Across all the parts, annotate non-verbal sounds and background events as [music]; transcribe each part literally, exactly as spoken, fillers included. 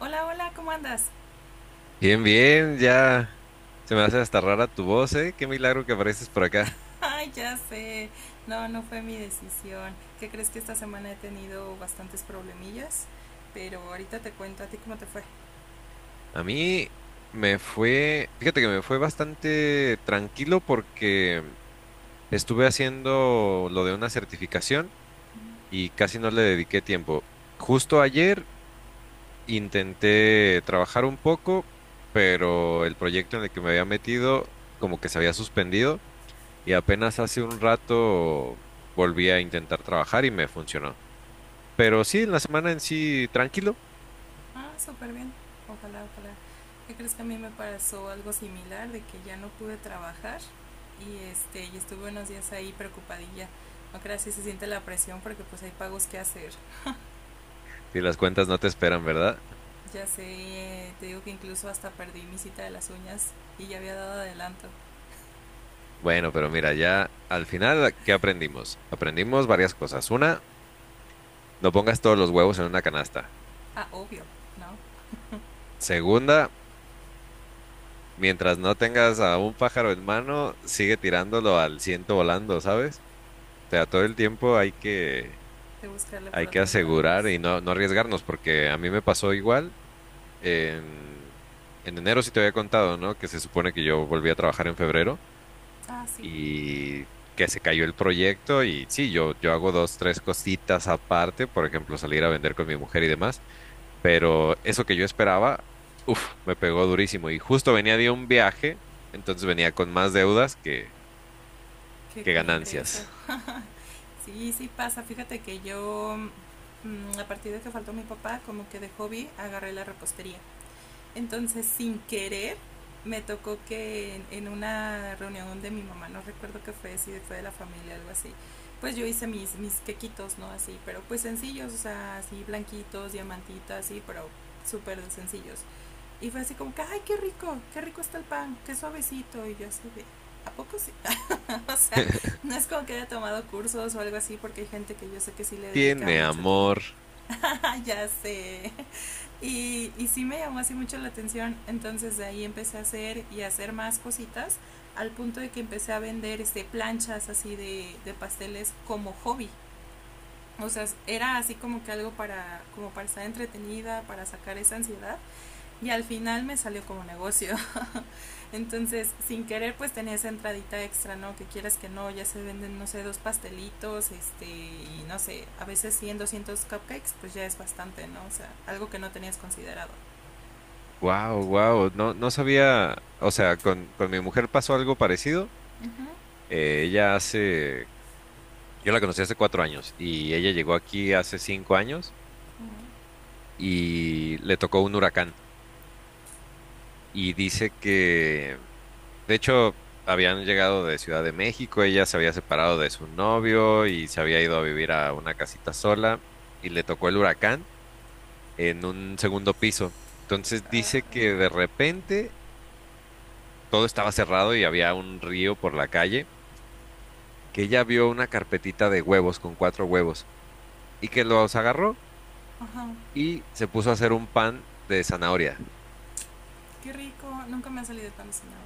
Hola, hola, ¿cómo andas? Bien, bien, ya se me hace hasta rara tu voz, ¿eh? Qué milagro que apareces por acá. [laughs] Ay, ya sé. No, no fue mi decisión. ¿Qué crees que esta semana he tenido bastantes problemillas? Pero ahorita te cuento a ti cómo te fue. A mí me fue, fíjate que me fue bastante tranquilo porque estuve haciendo lo de una certificación y casi no le dediqué tiempo. Justo ayer intenté trabajar un poco, pero el proyecto en el que me había metido como que se había suspendido y apenas hace un rato volví a intentar trabajar y me funcionó. Pero sí, en la semana en sí, tranquilo. Ah, súper bien. Ojalá, ojalá. ¿Qué crees que a mí me pasó algo similar de que ya no pude trabajar y este y estuve unos días ahí preocupadilla. No creas si se siente la presión porque pues hay pagos que hacer. Y las cuentas no te esperan, ¿verdad? Ya sé, te digo que incluso hasta perdí mi cita de las uñas y ya había dado adelanto. Bueno, pero mira, ya al final, ¿qué aprendimos? Aprendimos varias cosas. Una, no pongas todos los huevos en una canasta. Ah, obvio, ¿no? Segunda, mientras no tengas a un pájaro en mano, sigue tirándolo al ciento volando, ¿sabes? O sea, todo el tiempo hay que, De buscarle por hay que otros asegurar lados. y no, no arriesgarnos, porque a mí me pasó igual. En, en enero sí te había contado, ¿no? Que se supone que yo volví a trabajar en febrero. Ah, sí. Y que se cayó el proyecto y sí, yo, yo hago dos, tres cositas aparte, por ejemplo, salir a vender con mi mujer y demás, pero eso que yo esperaba, uff, me pegó durísimo y justo venía de un viaje, entonces venía con más deudas que, Que que con ingreso. ganancias. Sí, sí pasa. Fíjate que yo, mm, a partir de que faltó mi papá, como que de hobby agarré la repostería. Entonces, sin querer, me tocó que en, en una reunión de mi mamá, no recuerdo qué fue, si fue de la familia, algo así, pues yo hice mis, mis quequitos, ¿no? Así, pero pues sencillos, o sea, así blanquitos, diamantitas, así, pero súper sencillos. Y fue así como que, ay, qué rico, qué rico está el pan, qué suavecito. Y yo así de, ¿a poco sí? [laughs] O sea, [laughs] no es como que haya tomado cursos o algo así, porque hay gente que yo sé que sí le dedica Tiene mucho tiempo. amor. [laughs] Ya sé. Y, y sí me llamó así mucho la atención. Entonces de ahí empecé a hacer y a hacer más cositas, al punto de que empecé a vender este, planchas así de, de pasteles como hobby. O sea, era así como que algo para, como para estar entretenida, para sacar esa ansiedad. Y al final me salió como negocio. Entonces, sin querer, pues tenía esa entradita extra, ¿no? Que quieras que no, ya se venden, no sé, dos pastelitos, este, y no sé, a veces cien, doscientos cupcakes, pues ya es bastante, ¿no? O sea, algo que no tenías considerado. Wow, wow. No, no sabía. O sea, con, con mi mujer pasó algo parecido. Ajá, Uh, Eh, ella hace. Yo la conocí hace cuatro años y ella llegó aquí hace cinco años -huh. y le tocó un huracán. Y dice que, de hecho, habían llegado de Ciudad de México, ella se había separado de su novio y se había ido a vivir a una casita sola y le tocó el huracán en un segundo piso. Entonces dice que de repente todo estaba cerrado y había un río por la calle, que ella vio una carpetita de huevos con cuatro huevos y que los agarró uh, uh -huh. y se puso a hacer un pan de zanahoria. Qué rico, nunca me ha salido tan diseñado.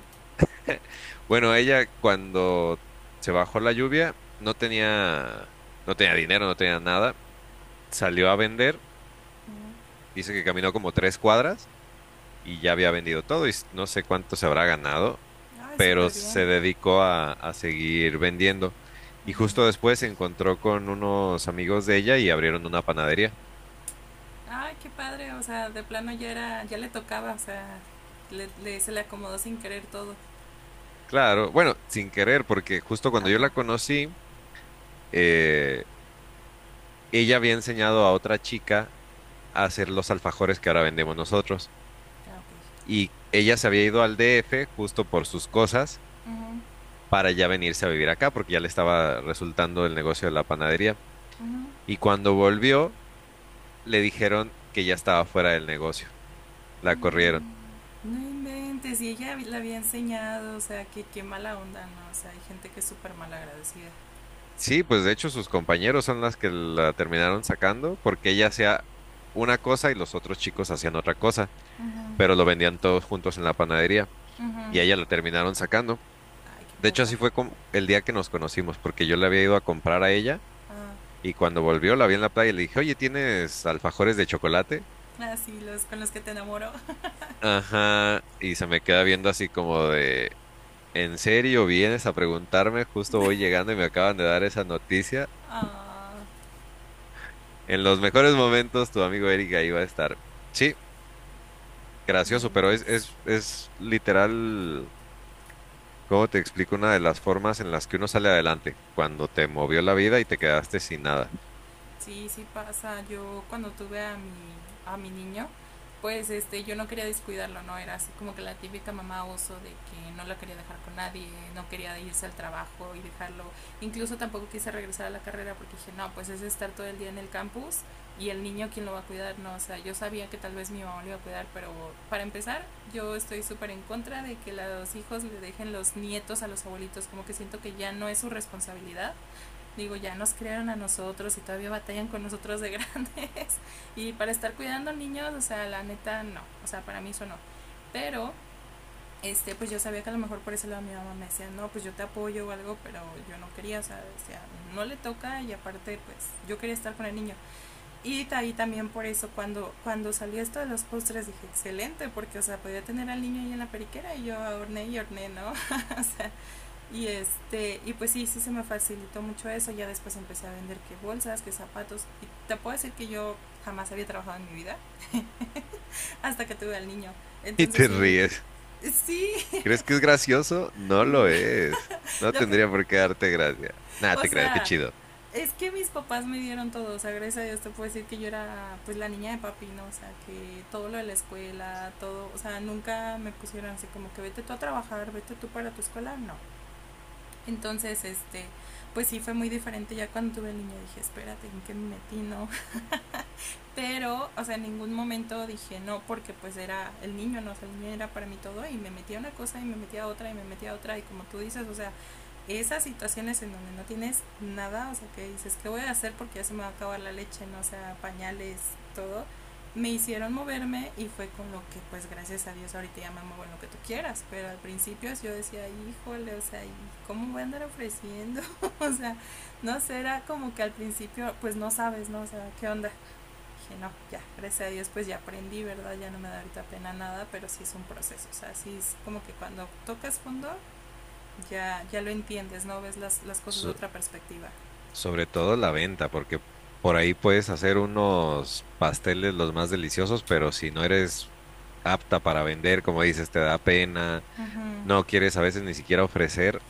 Bueno, ella cuando se bajó la lluvia no tenía, no tenía dinero, no tenía nada. Salió a vender, Huh. dice que caminó como tres cuadras y ya había vendido todo y s- no sé cuánto se habrá ganado, Ay, pero súper bien. se dedicó a, a seguir vendiendo. Y justo Uh-huh. después se encontró con unos amigos de ella y abrieron una panadería. Ay, qué padre, o sea, de plano ya era, ya le tocaba, o sea, le, le se le acomodó sin querer todo. Claro, bueno, sin querer, porque justo cuando yo Ajá, la conocí, eh, ella había enseñado a otra chica a hacer los alfajores que ahora vendemos nosotros. ya, ok. Y ella se había ido al D F justo por sus cosas Uh-huh. para ya venirse a vivir acá porque ya le estaba resultando el negocio de la panadería. Uh-huh. Y cuando volvió, le dijeron que ya estaba fuera del negocio. La corrieron. No inventes, y ella la había enseñado, o sea, que qué mala onda, ¿no? O sea, hay gente que es súper mal agradecida. Sí, pues de hecho sus compañeros son las que la terminaron sacando porque ella hacía una cosa y los otros chicos hacían otra cosa, Ujú, pero lo vendían todos juntos en la panadería ujú. y Ay, a ella la terminaron sacando. qué De hecho, poca. así fue como el día que nos conocimos, porque yo le había ido a comprar a ella. Ah, Y cuando volvió, la vi en la playa y le dije, oye, ¿tienes alfajores de chocolate? ah, sí, los con los que te enamoro. Ajá. Y se me queda viendo así como de, ¿en serio vienes a preguntarme? Justo voy llegando y me acaban de dar esa noticia. Ah, En los mejores momentos, tu amigo Eric ahí va a estar. Sí, no gracioso, pero es, inventes. es, es literal, ¿cómo te explico? Una de las formas en las que uno sale adelante, cuando te movió la vida y te quedaste sin nada. [laughs] Sí, sí pasa. Yo cuando tuve a mi, a mi niño, pues este, yo no quería descuidarlo, ¿no? Era así como que la típica mamá oso de que no la quería dejar con nadie, no quería irse al trabajo y dejarlo. Incluso tampoco quise regresar a la carrera porque dije, no, pues es estar todo el día en el campus y el niño quién lo va a cuidar, ¿no? O sea, yo sabía que tal vez mi mamá lo iba a cuidar, pero para empezar, yo estoy súper en contra de que los hijos le dejen los nietos a los abuelitos, como que siento que ya no es su responsabilidad, digo, ya nos crearon a nosotros y todavía batallan con nosotros de grandes. [laughs] Y para estar cuidando niños, o sea, la neta no, o sea, para mí eso no. Pero, este, pues yo sabía que a lo mejor por ese lado mi mamá me decía, no, pues yo te apoyo o algo, pero yo no quería, o sea, decía, no le toca y aparte, pues yo quería estar con el niño. Y ahí también por eso, cuando, cuando salió esto de los postres, dije, excelente, porque, o sea, podía tener al niño ahí en la periquera y yo horneé y horneé, ¿no? [laughs] O sea, y este, y pues sí, sí se me facilitó mucho eso. Ya después empecé a vender que bolsas, que zapatos. Y te puedo decir que yo jamás había trabajado en mi vida hasta que tuve al niño. Y Entonces te sí, ríes. sí, ¿Crees que es gracioso? No lo es. [laughs] No lo que, tendría por qué darte gracia. Nada, o te creas, qué sea, chido. es que mis papás me dieron todo, o sea, gracias a Dios te puedo decir que yo era pues la niña de papi, ¿no? O sea, que todo lo de la escuela, todo, o sea, nunca me pusieron así como que vete tú a trabajar, vete tú para tu escuela, no. Entonces, este, pues sí fue muy diferente. Ya cuando tuve el niño dije, espérate, ¿en qué me metí? No. [laughs] Pero, o sea, en ningún momento dije no, porque pues era el niño, no, o sea, el niño era para mí todo y me metía una cosa y me metía otra y me metía otra y como tú dices, o sea, esas situaciones en donde no tienes nada, o sea, que dices, ¿qué voy a hacer? Porque ya se me va a acabar la leche, no o sea, pañales, todo, me hicieron moverme y fue con lo que, pues, gracias a Dios, ahorita ya me muevo en lo que tú quieras, pero al principio yo decía, híjole, o sea, ¿y cómo voy a andar ofreciendo? [laughs] O sea, no sé, era como que al principio, pues, no sabes, ¿no? O sea, ¿qué onda? Dije, no, ya, gracias a Dios, pues, ya aprendí, ¿verdad? Ya no me da ahorita pena nada, pero sí es un proceso, o sea, sí es como que cuando tocas fondo, ya, ya lo entiendes, ¿no? Ves las, las cosas de So- otra perspectiva. Sobre todo la venta, porque por ahí puedes hacer unos pasteles los más deliciosos, pero si no eres apta para vender, como dices, te da pena, Uh-huh. no quieres a veces ni siquiera ofrecer,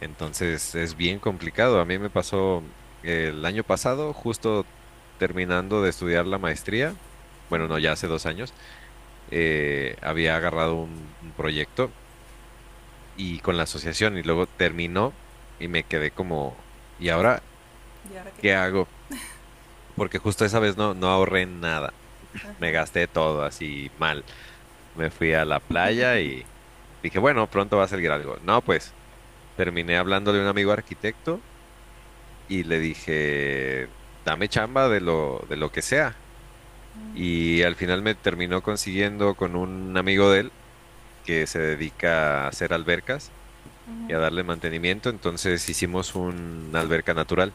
entonces es bien complicado. A mí me pasó el año pasado, justo terminando de estudiar la maestría, bueno, no, Uh-huh. ya hace dos años, eh, había agarrado un un proyecto y con la asociación y luego terminó y me quedé como, ¿y ahora Y ahora que... qué hago? Porque justo esa vez no, no ahorré nada, Ajá. me gasté todo así mal. Me fui a la playa y dije, bueno, pronto va a salir algo. No, pues terminé hablando de un amigo arquitecto y le dije, dame chamba de lo, de lo que sea. Y al final me terminó consiguiendo con un amigo de él que se dedica a hacer albercas y a darle mantenimiento. Entonces hicimos una alberca natural.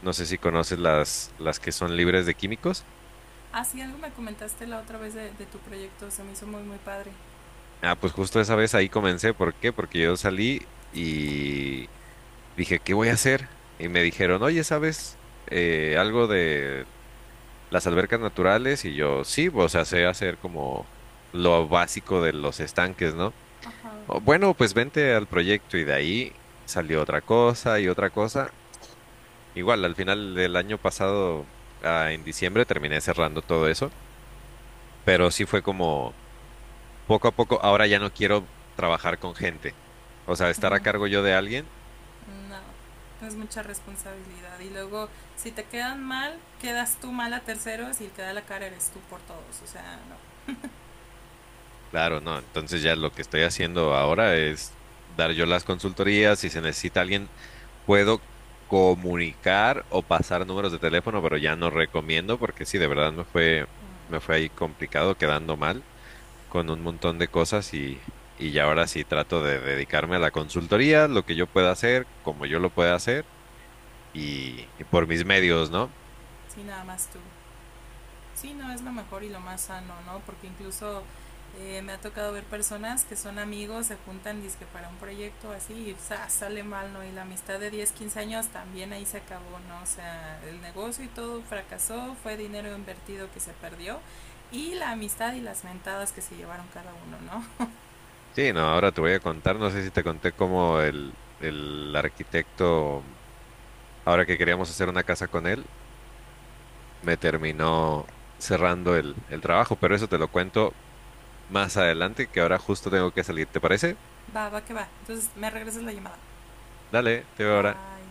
No sé si conoces las, las que son libres de químicos. Ah, sí, algo me comentaste la otra vez de, de tu proyecto, se me hizo muy, muy padre. Ah, pues justo esa vez ahí comencé. ¿Por qué? Porque yo salí y dije, ¿qué voy a hacer? Y me dijeron, oye, ¿sabes eh, algo de las albercas naturales? Y yo, sí, o sea, sé hacer como lo básico de los estanques, ¿no? Ajá. Oh, bueno, pues vente al proyecto y de ahí salió otra cosa y otra cosa. Igual, al final del año pasado, ah, en diciembre, terminé cerrando todo eso, pero sí fue como... Poco a poco, ahora ya no quiero trabajar con gente. O sea, estar a Uh-huh. cargo yo de alguien, Uh-huh. No, es mucha responsabilidad. Y luego, si te quedan mal, quedas tú mal a terceros y el que da la cara eres tú por todos. O sea, no. claro, no. Entonces ya lo que estoy haciendo ahora es dar yo las consultorías. Si se necesita alguien, puedo comunicar o pasar números de teléfono, pero ya no recomiendo porque sí, de verdad me fue, Mm. me fue ahí complicado, quedando mal con un montón de cosas y, y ya ahora sí trato de dedicarme a la consultoría, lo que yo pueda hacer, como yo lo pueda hacer y, y por mis medios, ¿no? Sí, nada más tú. Sí, no, es lo mejor y lo más sano, ¿no? Porque incluso eh, me ha tocado ver personas que son amigos, se juntan dizque para un proyecto así y ¡zas! Sale mal, ¿no? Y la amistad de diez quince años también ahí se acabó, ¿no? O sea, el negocio y todo fracasó, fue dinero invertido que se perdió y la amistad y las mentadas que se llevaron cada uno, ¿no? Sí, no, ahora te voy a contar, no sé si te conté cómo el, el arquitecto, ahora que queríamos hacer una casa con él, me terminó cerrando el, el trabajo, pero eso te lo cuento más adelante, que ahora justo tengo que salir, ¿te parece? Va, va que va. Entonces, me regresas la llamada. Dale, te veo ahora. Bye.